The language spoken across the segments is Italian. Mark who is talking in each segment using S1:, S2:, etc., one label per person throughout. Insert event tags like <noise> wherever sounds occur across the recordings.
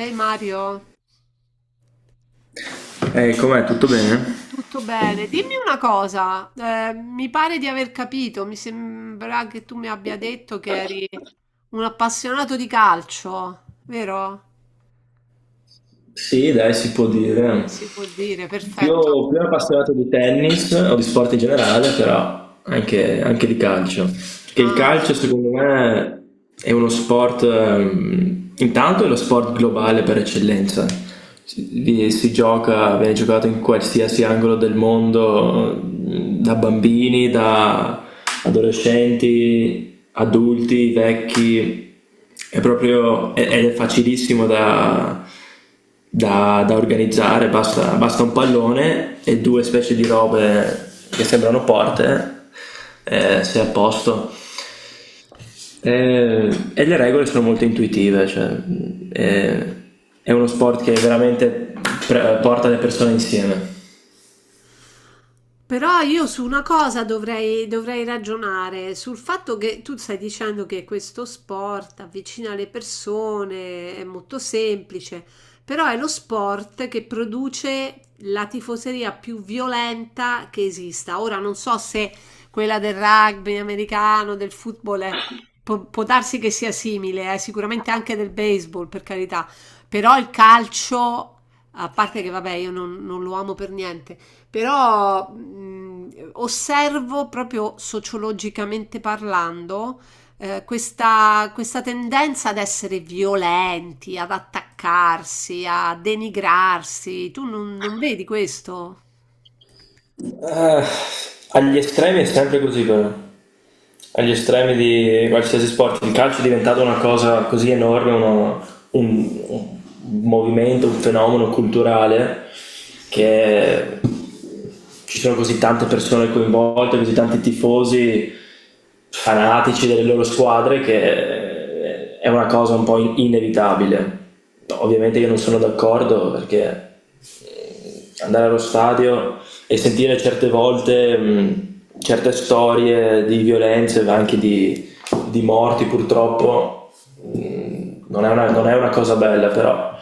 S1: Ehi Mario,
S2: Com'è? Tutto bene?
S1: tutto bene? Dimmi una cosa, mi pare di aver capito, mi sembra che tu mi abbia detto che eri un appassionato di calcio, vero?
S2: Sì, dai, si può dire.
S1: Si può dire,
S2: Più,
S1: perfetto.
S2: più appassionato di tennis o di sport in generale, però anche di calcio. Che il
S1: Ah.
S2: calcio, secondo me, è uno sport, intanto è lo sport globale per eccellenza. Si, si gioca, viene giocato in qualsiasi angolo del mondo, da bambini, da adolescenti, adulti, vecchi. Ed è facilissimo da organizzare, basta un pallone e due specie di robe che sembrano porte, sei a posto. Eh, e le regole sono molto intuitive, cioè, eh, è uno sport che veramente porta le persone insieme.
S1: Però io su una cosa dovrei ragionare, sul fatto che tu stai dicendo che questo sport avvicina le persone, è molto semplice, però è lo sport che produce la tifoseria più violenta che esista. Ora non so se quella del rugby americano, del football, può, può darsi che sia simile, sicuramente anche del baseball, per carità, però il calcio, a parte che vabbè, io non lo amo per niente. Però osservo proprio sociologicamente parlando questa tendenza ad essere violenti, ad attaccarsi, a denigrarsi. Tu non vedi questo?
S2: Eh, Agli estremi è sempre così però. Agli estremi di qualsiasi sport. Il calcio è diventato una cosa così enorme, un movimento, un fenomeno culturale che ci sono così tante persone coinvolte, così tanti tifosi fanatici delle loro squadre che è una cosa un po' inevitabile. Ovviamente io non sono d'accordo perché andare allo stadio e sentire certe volte certe storie di violenze, di morti purtroppo, non è una cosa bella però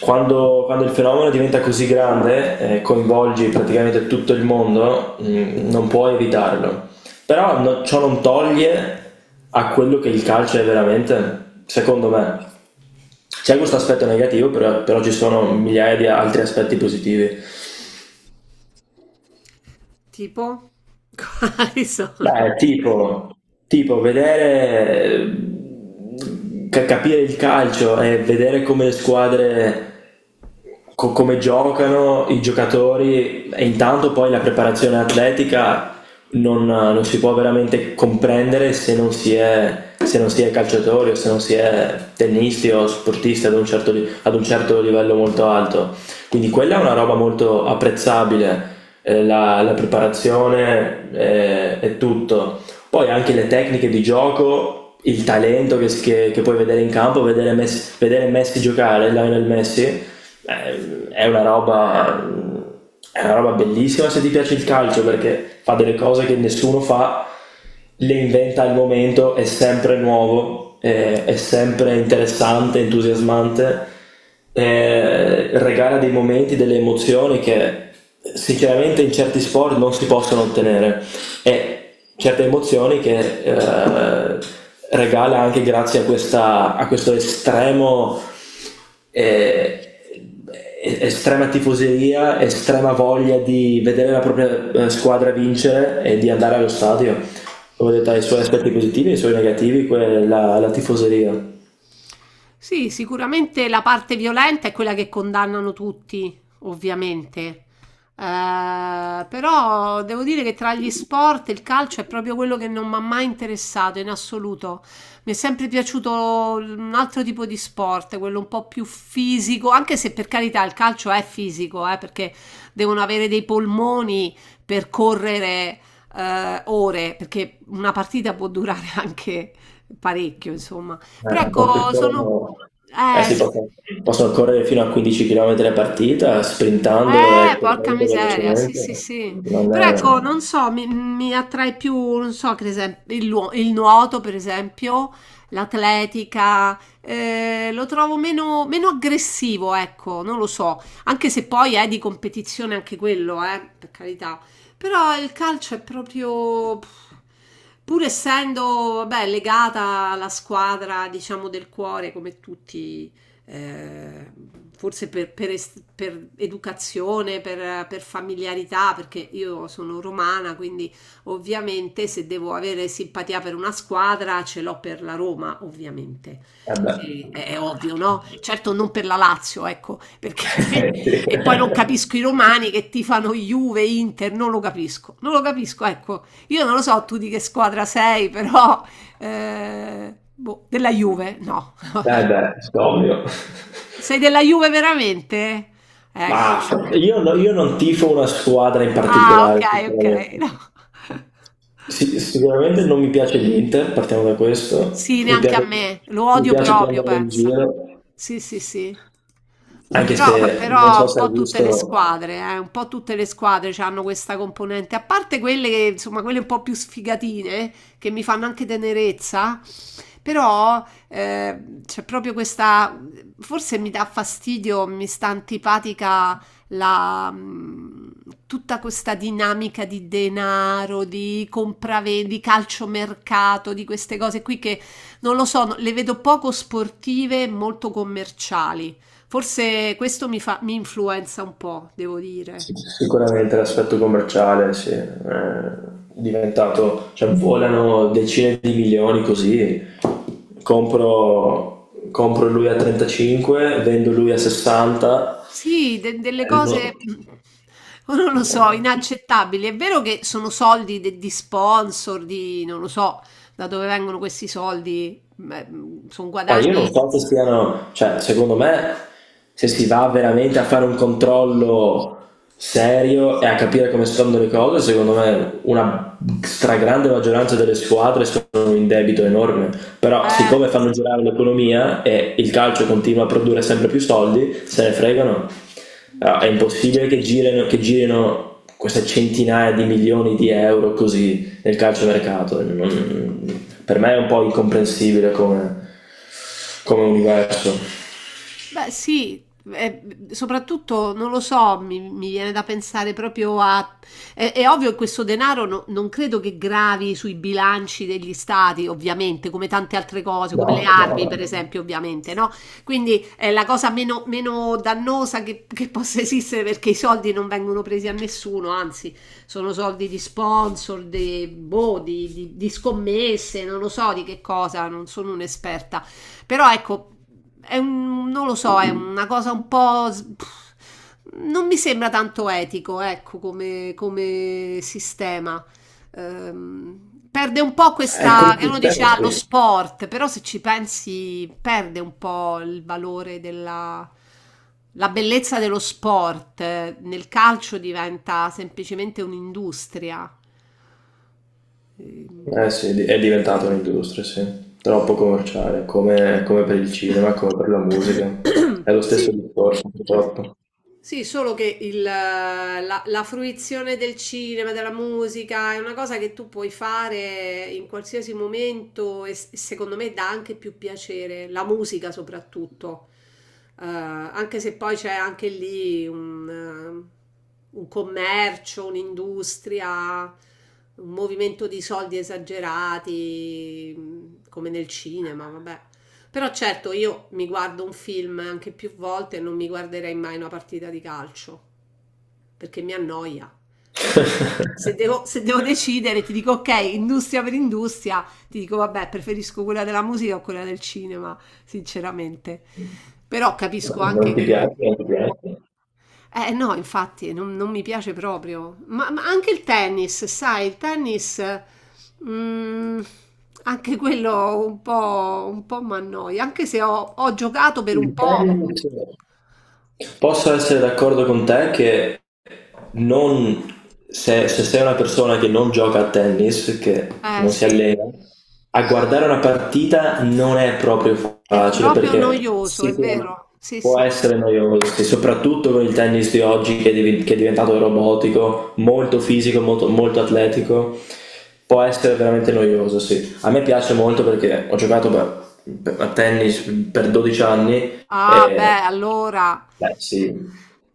S2: quando il fenomeno diventa così grande e coinvolgi praticamente tutto il mondo, non puoi evitarlo. Però ciò non toglie a quello che il calcio è veramente, secondo me. C'è questo aspetto negativo, però ci sono migliaia di altri aspetti positivi.
S1: Tipo? <laughs> Quali sono?
S2: Beh, tipo vedere, capire il calcio e vedere come le squadre, come giocano i giocatori e intanto poi la preparazione atletica non si può veramente comprendere se non si è calciatori o se non si è tennisti o sportisti ad un ad un certo livello molto alto. Quindi quella è una roba molto apprezzabile la preparazione è tutto. Poi anche le tecniche di gioco, il talento che puoi vedere in campo, vedere Messi giocare, Lionel Messi, eh, è una roba è una roba bellissima se ti piace il calcio perché fa delle cose che nessuno fa, le inventa al momento, è sempre nuovo, è sempre interessante, entusiasmante, regala dei momenti, delle emozioni che sinceramente in certi sport non si possono ottenere. E certe emozioni che regala anche grazie a questo estremo eh, estrema tifoseria, estrema voglia di vedere la propria squadra vincere e di andare allo stadio. Come detto, ha i suoi aspetti positivi e i suoi negativi, quella, la tifoseria.
S1: Sì, sicuramente la parte violenta è quella che condannano tutti, ovviamente. Però devo dire che tra gli sport il calcio è proprio quello che non mi ha mai interessato in assoluto. Mi è sempre piaciuto un altro tipo di sport, quello un po' più fisico, anche se per carità il calcio è fisico, perché devono avere dei polmoni per correre ore, perché una partita può durare <laughs> anche parecchio, insomma. Però
S2: Eh, possono
S1: ecco, sono...
S2: correre- eh
S1: Eh,
S2: sì,
S1: s-
S2: possono correre fino a 15 km a partita, sprintando e
S1: porca
S2: correndo
S1: miseria, sì, sì,
S2: velocemente.
S1: sì.
S2: Non
S1: Però
S2: è...
S1: ecco, non so, mi attrae più, non so, per esempio, il nuoto, per esempio, l'atletica, lo trovo meno aggressivo, ecco, non lo so. Anche se poi è di competizione anche quello, per carità. Però il calcio è proprio... pff, pur essendo, vabbè, legata alla squadra, diciamo, del cuore, come tutti eh, forse per educazione, per familiarità, perché io sono romana, quindi ovviamente se devo avere simpatia per una squadra ce l'ho per la Roma, ovviamente.
S2: Eh beh.
S1: È ovvio, no? Certo non per la Lazio, ecco, perché
S2: <laughs>
S1: <laughs> e
S2: Sì.
S1: poi non capisco i romani che tifano Juve, Inter, non lo capisco, non lo capisco, ecco. Io non lo so tu di che squadra sei, però boh, della Juve, no.
S2: Eh
S1: <laughs>
S2: beh, ovvio.
S1: Sei della Juve veramente? Ecco.
S2: Ma
S1: Sì.
S2: io, io non tifo una squadra in
S1: Ah,
S2: particolare,
S1: okay, okay,
S2: sicuramente.
S1: no. <laughs>
S2: Sì, sicuramente non mi piace l'Inter, partiamo da questo.
S1: Sì, neanche a me. Lo
S2: Mi
S1: odio
S2: piace
S1: proprio,
S2: prenderlo in
S1: pensa.
S2: giro,
S1: Sì, sì, sì.
S2: anche se non so
S1: Però un
S2: se hai
S1: po' tutte
S2: visto.
S1: le squadre, un po' tutte le squadre hanno questa componente, a parte quelle che, insomma, quelle un po' più sfigatine, che mi fanno anche tenerezza, però c'è proprio questa, forse mi dà fastidio, mi sta antipatica la, mm, tutta questa dinamica di denaro, di compravendita, di calciomercato, di queste cose qui non lo so, le vedo poco sportive, e molto commerciali. Forse questo mi fa, mi influenza un po', devo dire.
S2: Sicuramente l'aspetto commerciale, sì, è diventato, cioè volano decine di milioni così, compro lui a 35, vendo lui a 60.
S1: Sì, delle cose,
S2: No.
S1: mm, non lo so, inaccettabili. È vero che sono soldi di sponsor, di non lo so da dove vengono questi soldi, sono
S2: Ma io non
S1: guadagni.
S2: so se siano, cioè, secondo me, se si va veramente a fare un controllo serio e a capire come stanno le cose, secondo me una stragrande maggioranza delle squadre sono in debito enorme. Però,
S1: eh,
S2: siccome fanno girare l'economia e il calcio continua a produrre sempre più soldi, se ne fregano. Ah, è impossibile che girino queste centinaia di milioni di euro così del calciomercato. Per me è un po' incomprensibile come, come universo.
S1: Beh, sì, eh, soprattutto non lo so, mi viene da pensare proprio a... È, è ovvio che questo denaro non credo che gravi sui bilanci degli stati, ovviamente, come tante altre cose, come
S2: No,
S1: le
S2: no,
S1: armi, per
S2: no.
S1: esempio, ovviamente, no? Quindi è la cosa meno dannosa che possa esistere perché i soldi non vengono presi a nessuno, anzi, sono soldi di sponsor, di, boh, di scommesse, non lo so di che cosa, non sono un'esperta. Però ecco, è un, non lo so, è una cosa un po'... pff, non mi sembra tanto etico, ecco, come sistema. Perde un po'
S2: È
S1: questa...
S2: come
S1: che uno dice,
S2: sistema,
S1: ah, lo
S2: sì.
S1: sport, però se ci pensi perde un po' il valore della... La bellezza dello sport nel calcio diventa semplicemente un'industria. Ehm.
S2: Eh sì, è diventata un'industria, sì. Troppo commerciale, come, come per il cinema, come per la musica.
S1: <coughs>
S2: È lo stesso
S1: Sì,
S2: discorso, purtroppo.
S1: sì, solo che la fruizione del cinema, della musica, è una cosa che tu puoi fare in qualsiasi momento e secondo me dà anche più piacere, la musica soprattutto, eh, anche se poi c'è anche lì un commercio, un'industria, un movimento di soldi esagerati, come nel cinema, vabbè. Però certo, io mi guardo un film anche più volte e non mi guarderei mai una partita di calcio, perché mi annoia.
S2: <laughs>
S1: Se devo decidere, ti dico ok, industria per industria, ti dico vabbè, preferisco quella della musica o quella del cinema, sinceramente. Però capisco anche
S2: Non ti
S1: che
S2: piace, non ti piace.
S1: eh no, infatti non mi piace proprio. Ma anche il tennis, sai, il tennis, mm, anche quello un po' mi annoia, anche se ho giocato per un
S2: Il
S1: po'.
S2: tennis. Posso essere d'accordo con te che non... se sei una persona che non gioca a tennis, che
S1: Eh
S2: non si
S1: sì,
S2: allena, a guardare una partita non è proprio
S1: è
S2: facile
S1: proprio
S2: perché
S1: noioso, è
S2: sicuramente
S1: vero? Sì,
S2: può
S1: sì.
S2: essere noioso, e soprattutto con il tennis di oggi che è, che è diventato robotico, molto fisico, molto atletico, può essere veramente noioso, sì. A me piace molto perché ho giocato a tennis per 12 anni
S1: Ah,
S2: eh,
S1: beh, allora.
S2: beh, sì.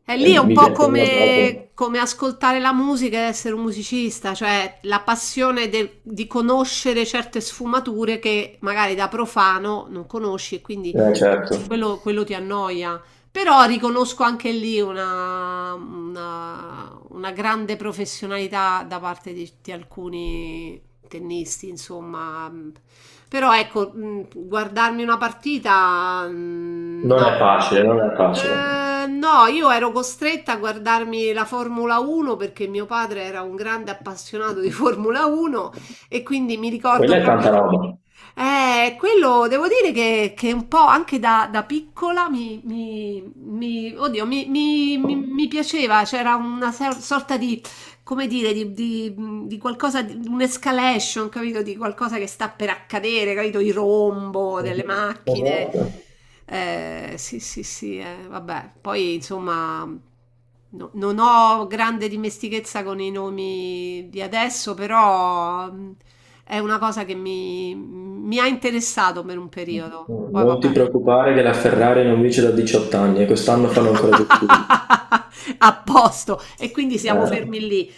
S1: E lì è un
S2: Mi
S1: po'
S2: piaceva proprio.
S1: come, come ascoltare la musica e essere un musicista, cioè la passione di conoscere certe sfumature che magari da profano non conosci e quindi
S2: Certo,
S1: quello ti annoia. Però riconosco anche lì una grande professionalità da parte di alcuni tennisti, insomma. Però ecco, guardarmi una partita,
S2: non è
S1: no.
S2: facile, non è facile.
S1: No, io ero costretta a guardarmi la Formula 1 perché mio padre era un grande appassionato di Formula 1 e quindi mi ricordo
S2: Quella è tanta
S1: proprio.
S2: roba.
S1: Quello devo dire che un po' anche da, da piccola oddio, mi piaceva, c'era una sorta di come dire, di qualcosa, di un'escalation, capito? Di qualcosa che sta per accadere, capito? Il rombo delle macchine.
S2: Esatto.
S1: Sì, sì, sì, vabbè. Poi, insomma, non ho grande dimestichezza con i nomi di adesso, però è una cosa che mi ha interessato per un periodo. Poi,
S2: Non ti
S1: vabbè.
S2: preoccupare che la Ferrari non vince da 18 anni e quest'anno fanno ancora più schifo.
S1: <laughs> A posto. E quindi siamo
S2: Eh,
S1: fermi lì,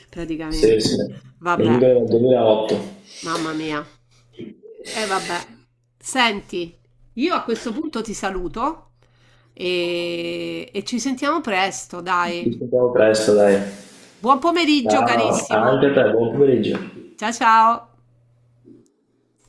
S2: sì,
S1: praticamente.
S2: sì, non
S1: Vabbè.
S2: vincono dal 2008.
S1: Mamma mia. E vabbè. Senti, io a questo punto ti saluto e ci sentiamo presto,
S2: Ci
S1: dai.
S2: sentiamo presto, dai.
S1: Buon pomeriggio,
S2: Ciao,
S1: carissimo.
S2: anche a te, buon pomeriggio.
S1: Ciao ciao.